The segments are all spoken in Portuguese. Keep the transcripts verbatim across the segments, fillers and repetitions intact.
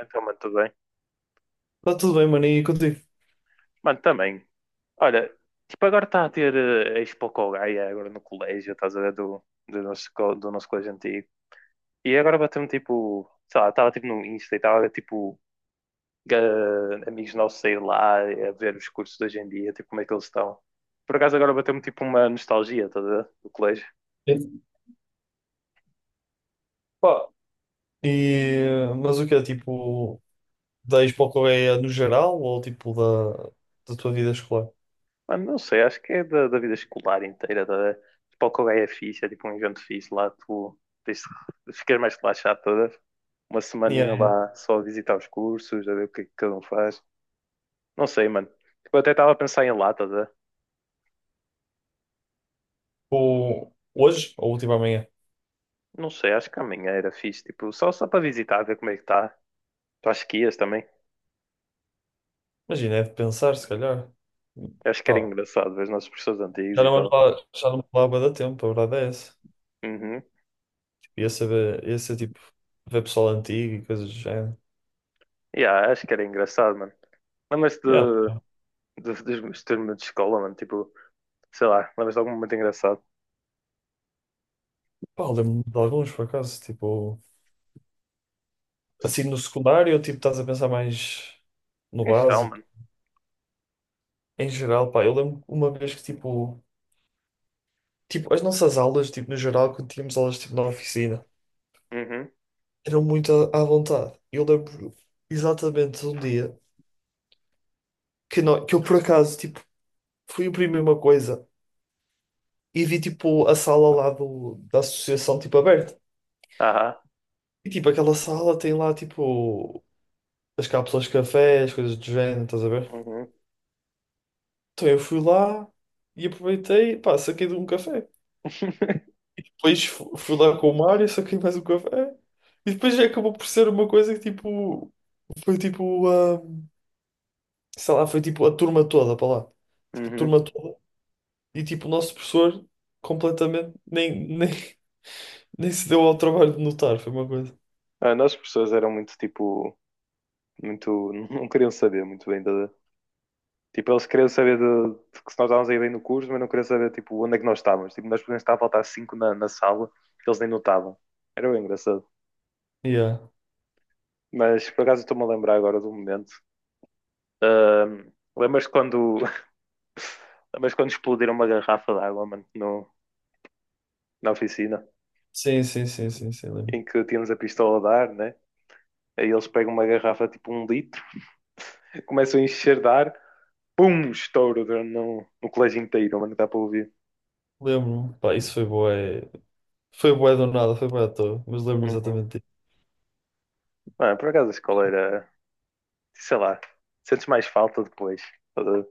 Então, mano, tudo bem. Está tudo bem, mano, e contigo? Mano, também. Olha, tipo, agora está a ter eh, a Expo Colgaia agora no colégio, estás a ver, do, do, nosso, co- do nosso colégio antigo. E agora bateu-me tipo, sei lá, estava tipo no Insta e estava a ver tipo eh, amigos nossos sair lá, a ver os cursos de hoje em dia, tipo como é que eles estão. Por acaso agora bateu-me tipo uma nostalgia, estás a ver, do colégio. Sim. Pá, E, mas o que é, tipo, da Expo Correia no geral ou, tipo, da, da tua vida escolar? Mano, não sei, acho que é da, da vida escolar inteira. Da, tipo, o é fixe, é tipo um evento fixe lá, tu tens, de ficar mais relaxado toda uma E semaninha é, lá só a visitar os cursos, a ver o que é que cada um faz. Não sei, mano. Tipo, eu até estava a pensar em lá, toda. tipo, hoje ou, tipo, amanhã? Não sei, acho que amanhã era fixe, tipo, só, só para visitar, ver como é que está. Tu acho que ias também? Imagina, é de pensar, se calhar. Eu acho que era Pá, engraçado ver os nossos professores antigos já e não vamos tal. lá, já não vamos lá há bué de tempo, a verdade é essa. Uhum. Tipo, ia saber, ia ser, tipo, ver pessoal antigo e coisas do género. Yeah, acho que era engraçado, mano. Lembras-te Yeah. de, de, dos meus turmas de escola, mano? Tipo, sei lá, lembras-te de algum momento engraçado? Pá, lembro-me de alguns, por acaso, tipo, assim, no secundário, tipo, estás a pensar mais no Isso é, básico. mano. Em geral, pá, eu lembro uma vez que, tipo, tipo, as nossas aulas, tipo, no geral, quando tínhamos aulas, tipo, na oficina, Uhum. eram muito à, à vontade. Eu lembro exatamente de um dia que, nó- que eu, por acaso, tipo, fui imprimir uma coisa e vi, tipo, a sala lá do, da associação, tipo, aberta. Aham. E, tipo, aquela sala tem lá, tipo, as cápsulas de café, as coisas do género, estás a ver? Uhum. Então eu fui lá e aproveitei, pá, saquei de um café. Depois fu- fui lá com o Mário, saquei mais um café. E depois já acabou por ser uma coisa que tipo. Foi tipo. Ah, sei lá, foi tipo a turma toda para lá. Tipo, a Uhum. turma toda. E tipo, o nosso professor completamente nem, nem, nem se deu ao trabalho de notar. Foi uma coisa. Ah, nós professores eram muito tipo, muito, não queriam saber muito bem da, tipo, eles queriam saber de, de que se nós estávamos aí bem no curso, mas não queriam saber tipo onde é que nós estávamos. Tipo, nós podíamos estar a faltar cinco na, na sala, que eles nem notavam. Era bem engraçado. Yeah. Mas por acaso estou-me a lembrar agora do momento. Ahm, lembras quando, lembras quando explodiram uma garrafa de água, mano, no, na oficina, Sim, sim, sim, sim, sim, lembro. em que tínhamos a pistola a dar, né? Aí eles pegam uma garrafa tipo um litro começam a enxerdar, pum, estouro no, no colégio inteiro, mano, dá para ouvir. Lembro-me. Pá, isso foi bué. Foi bué do nada, foi bué à toa. Mas lembro-me Uhum. exatamente disso. Mano, por acaso a escola era, sei lá, sentes mais falta depois. Estás a ver?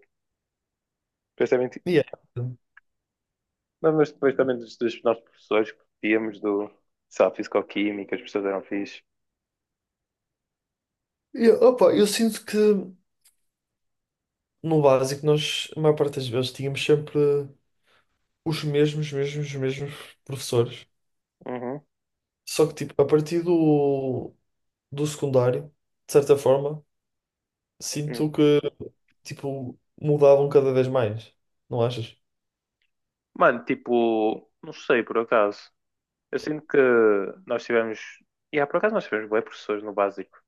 Depois também, ti- Yeah. não, mas depois também dos, dos nossos professores que tínhamos do, sei lá, fisicoquímica, as pessoas eram fixe. E, opa, eu sinto que no básico nós, a maior parte das vezes, tínhamos sempre os mesmos, mesmos, mesmos professores. Uhum. Só que, tipo, a partir do, do secundário, de certa forma, Hum. sinto que, tipo, mudavam cada vez mais. Não achas? Mano, tipo, não sei por acaso. Eu sinto que nós tivemos. E yeah, por acaso nós tivemos bué professores no básico,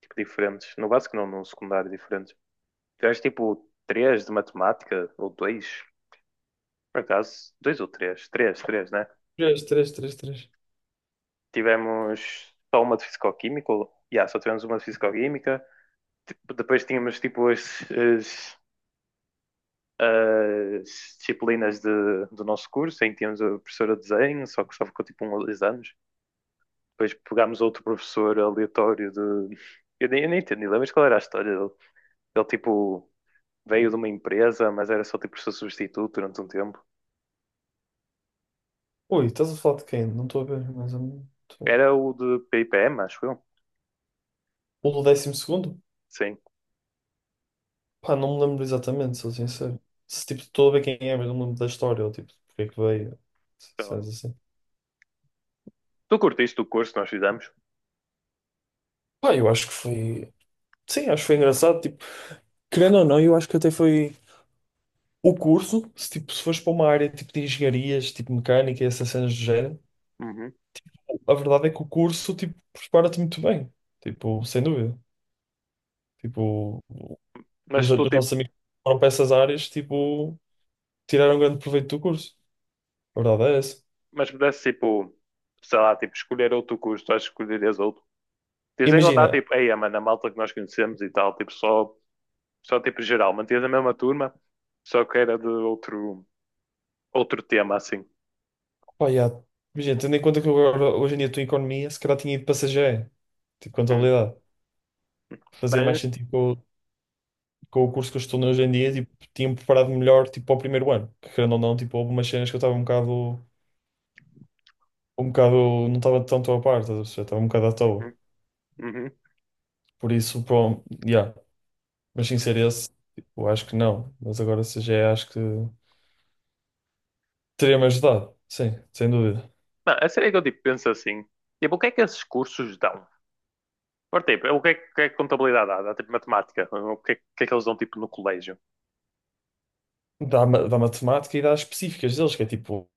tipo, diferentes. No básico não, no secundário diferentes. Tivemos tipo três de matemática, ou dois, por acaso, dois ou três? Três, três, né? Três, três, três, três. Tivemos só uma de fisicoquímica, ou- yeah, só tivemos uma de fisicoquímica. Depois tínhamos tipo as, as- as disciplinas de- do nosso curso, em que tínhamos a professora de desenho, só que só ficou tipo um ou dois anos. Depois pegámos outro professor aleatório de. Eu nem, eu nem entendi, lembras qual era a história dele? Ele tipo veio de uma empresa, mas era só tipo professor substituto durante um tempo. Ui, estás a falar de quem? Não estou a ver, mas é muito... Era o de P I P M, acho eu. O do décimo segundo? Sim. Pá, não me lembro exatamente, sou sincero. Se, tipo, estou a ver quem é, mas não me lembro da história, ou, tipo, porque é que veio, Então, cenas assim. tu curtiste o curso que nós fizemos? Pá, eu acho que foi... Sim, acho que foi engraçado, tipo... Querendo ou não, eu acho que até foi o curso, se, tipo, se fores para uma área tipo de engenharias, tipo mecânica e essas cenas do género, Uhum. a verdade é que o curso tipo, prepara-te muito bem, tipo, sem dúvida. Tipo, Mas os, se os tu tipo, nossos amigos que foram para essas áreas, tipo, tiraram grande proveito do curso. A verdade é essa. mas pudesse tipo, sei lá, tipo, escolher outro curso, tu acho que escolherias outro. Tens em contar Imagina, tipo, ei, mano, a malta que nós conhecemos e tal, tipo, só, só tipo geral, mantias a mesma turma, só que era de outro, outro tema assim. opa, já, imagina, tendo em conta que eu agora, hoje em dia estou em economia, se calhar tinha ido para C G E, tipo, Hum. contabilidade. Fazia mais Mas, sentido com, o- com o curso que eu estou hoje em dia, tipo, tinha-me preparado melhor, tipo, para o primeiro ano. Que, querendo ou não, tipo, houve umas cenas que eu estava um bocado um bocado, não estava tanto a parte, estás a perceber? Estava um bocado à uhum. toa. Uhum. Por isso, pronto, yeah. Mas sem ser esse, eu acho que não. Mas agora se C G E acho que teria-me ajudado, sim, sem dúvida. Não, a sério é que eu tipo, penso assim, tipo, o que é que esses cursos dão? Por tipo, o que é, que o que é que contabilidade dá? Dá tipo matemática, o que é, o que é que eles dão tipo no colégio? Da, ma- da matemática e das específicas deles, que é tipo,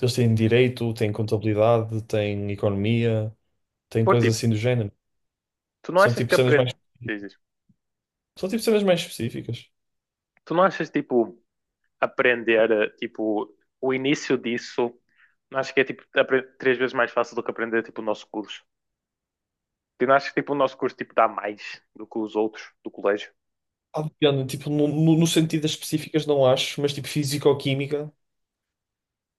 eles têm direito, têm contabilidade, têm economia, têm Por coisas tipo, assim do género. tu não São achas tipo que cenas mais, aprendes, são tipo cenas mais específicas. tu não achas tipo aprender, eh, tipo, o início disso, acho que é tipo apre- três vezes mais fácil do que aprender tipo o nosso curso. Tu não achas que tipo o nosso curso tipo dá mais do que os outros do colégio? Ah, depende, tipo, no, no, no sentido das específicas não acho, mas tipo físico-química.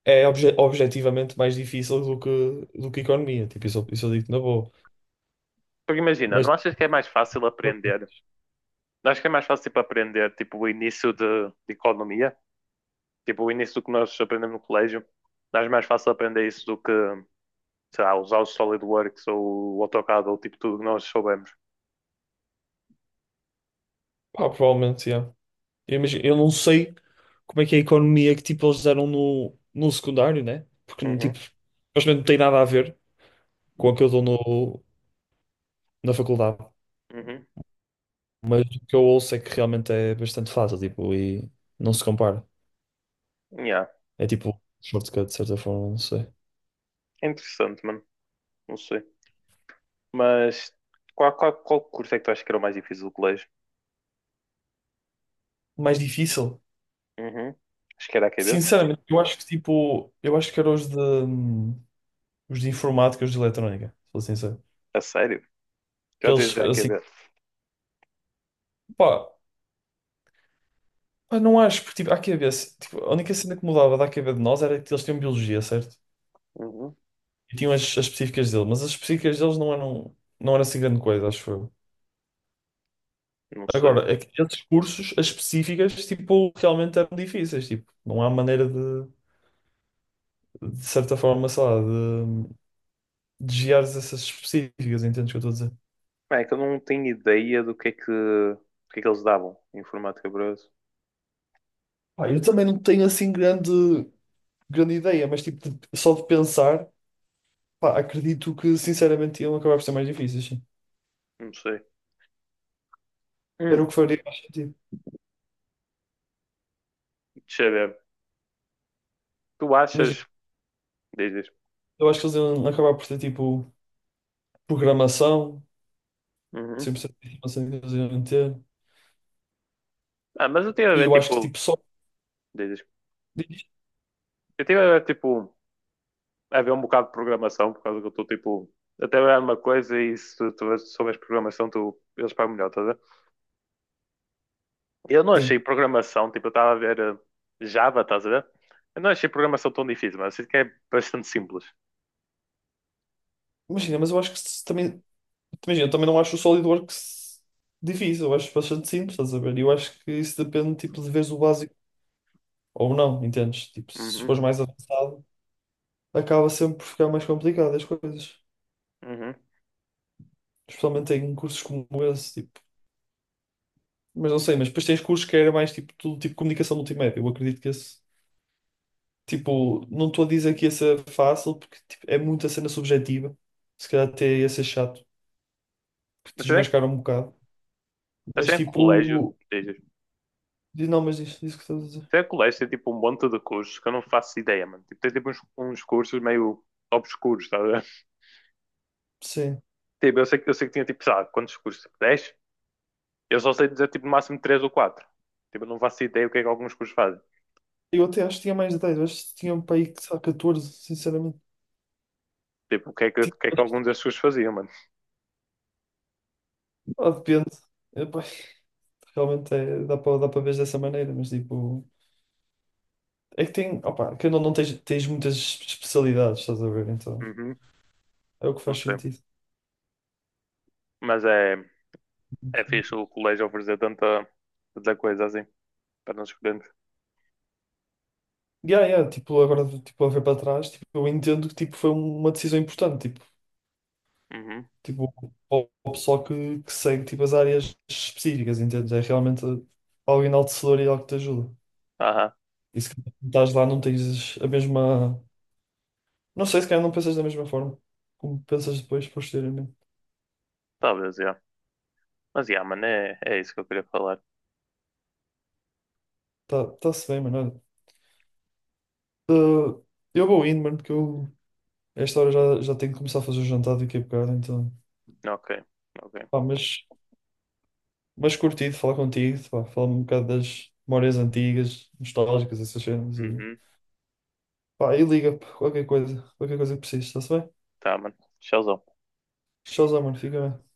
É obje- objetivamente mais difícil do que, do que economia. Tipo, isso, eu- isso eu digo na boa. Porque imagina, não Mas, achas que é mais fácil aprender? Não achas que é mais fácil tipo aprender tipo o início de, de economia, tipo o início do que nós aprendemos no colégio? Não achas mais fácil aprender isso do que, sei lá, usar o SolidWorks ou o AutoCAD ou tipo tudo que nós soubemos? pá, provavelmente, yeah. Eu, imagino- eu não sei como é que é a economia que, tipo, eles deram no, no secundário, né? Porque, tipo, Uhum, supostamente não tem nada a ver com o que eu dou no, na faculdade. uhum. Mas o que eu ouço é que realmente é bastante fácil, tipo, e não se compara. Yeah. É tipo, shortcut, de certa forma, não sei. É interessante, mano. Não sei. Mas qual, qual, qual curso é que tu achas que era o mais difícil do colégio? Mais difícil? Uhum. Acho que era a AQB. Sinceramente, eu acho que, tipo, eu acho que era os de... hum, os de informática e os de eletrónica, se for sincero. A sério? Que Já tens eles, de assim, A Q B? pá, eu não acho, porque, tipo, à cabeça, tipo, a única cena que mudava da cabeça de nós era que eles tinham biologia, certo? Uhum. E tinham as, as específicas deles, mas as específicas deles não eram, não era assim grande coisa, acho eu. Não sei. Agora, aqueles cursos, as específicas, tipo, realmente eram difíceis, tipo, não há maneira de, de certa forma, sei lá, de, de desviares essas específicas, entendes o que eu estou a dizer? É que eu não tenho ideia do que é que, do que é que eles davam em informática para. Pá, eu também não tenho assim grande, grande ideia, mas tipo, de- só de pensar. Pá, acredito que sinceramente iam acabar por ser mais difíceis, sim. Não sei. Era o que Hum. faria mais sentido. Deixa eu ver. Tu achas. Imagina, Diz, diz. eu acho que eles iam acabar por ter tipo programação, Uhum. cem por cento de informação que eles iam ter. Ah, mas eu tive a E ver eu acho que tipo. tipo só. Diz, diz. Eu tive a ver tipo. A ver um bocado de programação, por causa que eu estou tipo. Até a uma coisa e se tu tu souberes programação, tu, eles pagam melhor, tá. Eu não achei Sim. programação, tipo, eu estava a ver eh, Java, estás a ver? Eu não achei programação tão difícil, mas eu sinto que é bastante simples. Imagina, mas eu acho que se também. Imagina, eu também não acho o SolidWorks difícil, eu acho bastante simples, estás a ver? E eu acho que isso depende tipo de veres o básico ou não, entendes? Tipo, se fores Uhum, mais avançado, acaba sempre por ficar mais complicado as coisas. uhum. Especialmente em cursos como esse, tipo. Mas não sei, mas depois tens cursos que era mais tipo, tudo tipo comunicação multimédia. Eu acredito que esse, tipo, não estou a dizer que ia ser fácil, porque tipo, é muita cena subjetiva. Se calhar até ia ser chato, que Mas te se é, desmascaram um bocado. mas se Mas é colégio, tipo, dizes, diz- não, mas diz, diz o que estás a dizer. se é colégio, tem tipo um monte de cursos que eu não faço ideia, mano. Tipo, tem tipo uns, uns cursos meio obscuros, estás a ver? Sim. Tipo, eu sei, que- eu sei que tinha tipo, sabe, quantos cursos? Tipo, dez? Eu só sei dizer tipo no máximo três ou quatro. Tipo, eu não faço ideia o que é que alguns cursos fazem. Eu até acho que tinha mais de dez, acho que tinha um para aí que só catorze sinceramente. Tipo, o que é que, o Tipo, que é que mas, alguns desses cursos faziam, mano. ah, depende. Epá, realmente é, dá para dá para ver dessa maneira, mas tipo, é que tem, opa, que não, não tens, tens muitas especialidades, estás a ver? Então, Uhum, é o que não faz sei. sentido. Mas é. É fixe o colégio oferecer tanta, tanta coisa assim para nós escolhermos. Yeah, yeah, tipo, agora, tipo, a ver para trás, tipo, eu entendo que, tipo, foi uma decisão importante, tipo, Uhum. tipo, ao ao pessoal que, que segue, tipo, as áreas específicas, entende? É realmente algo enaltecedor e algo que te ajuda. Aham, E se calhar quando estás lá não tens a mesma... Não sei, se calhar não pensas da mesma forma como pensas depois, posteriormente. talvez, já. Mas, já, mano, é, é isso que eu queria falar. Tá, tá-se bem, mano, olha. Uh, eu vou indo, mano, porque eu, a esta hora já, já tenho que começar a fazer o jantar daqui a bocado, então... Ok, ok. Pá, mas Mas curti de falar contigo, pá, falar-me um bocado das memórias antigas, nostálgicas, essas cenas e, Uhum. pá, e liga, pá, qualquer coisa, qualquer coisa que precises, está-se bem? Tá, mano. Tchauzão. Tchauzão, mano, fica bem.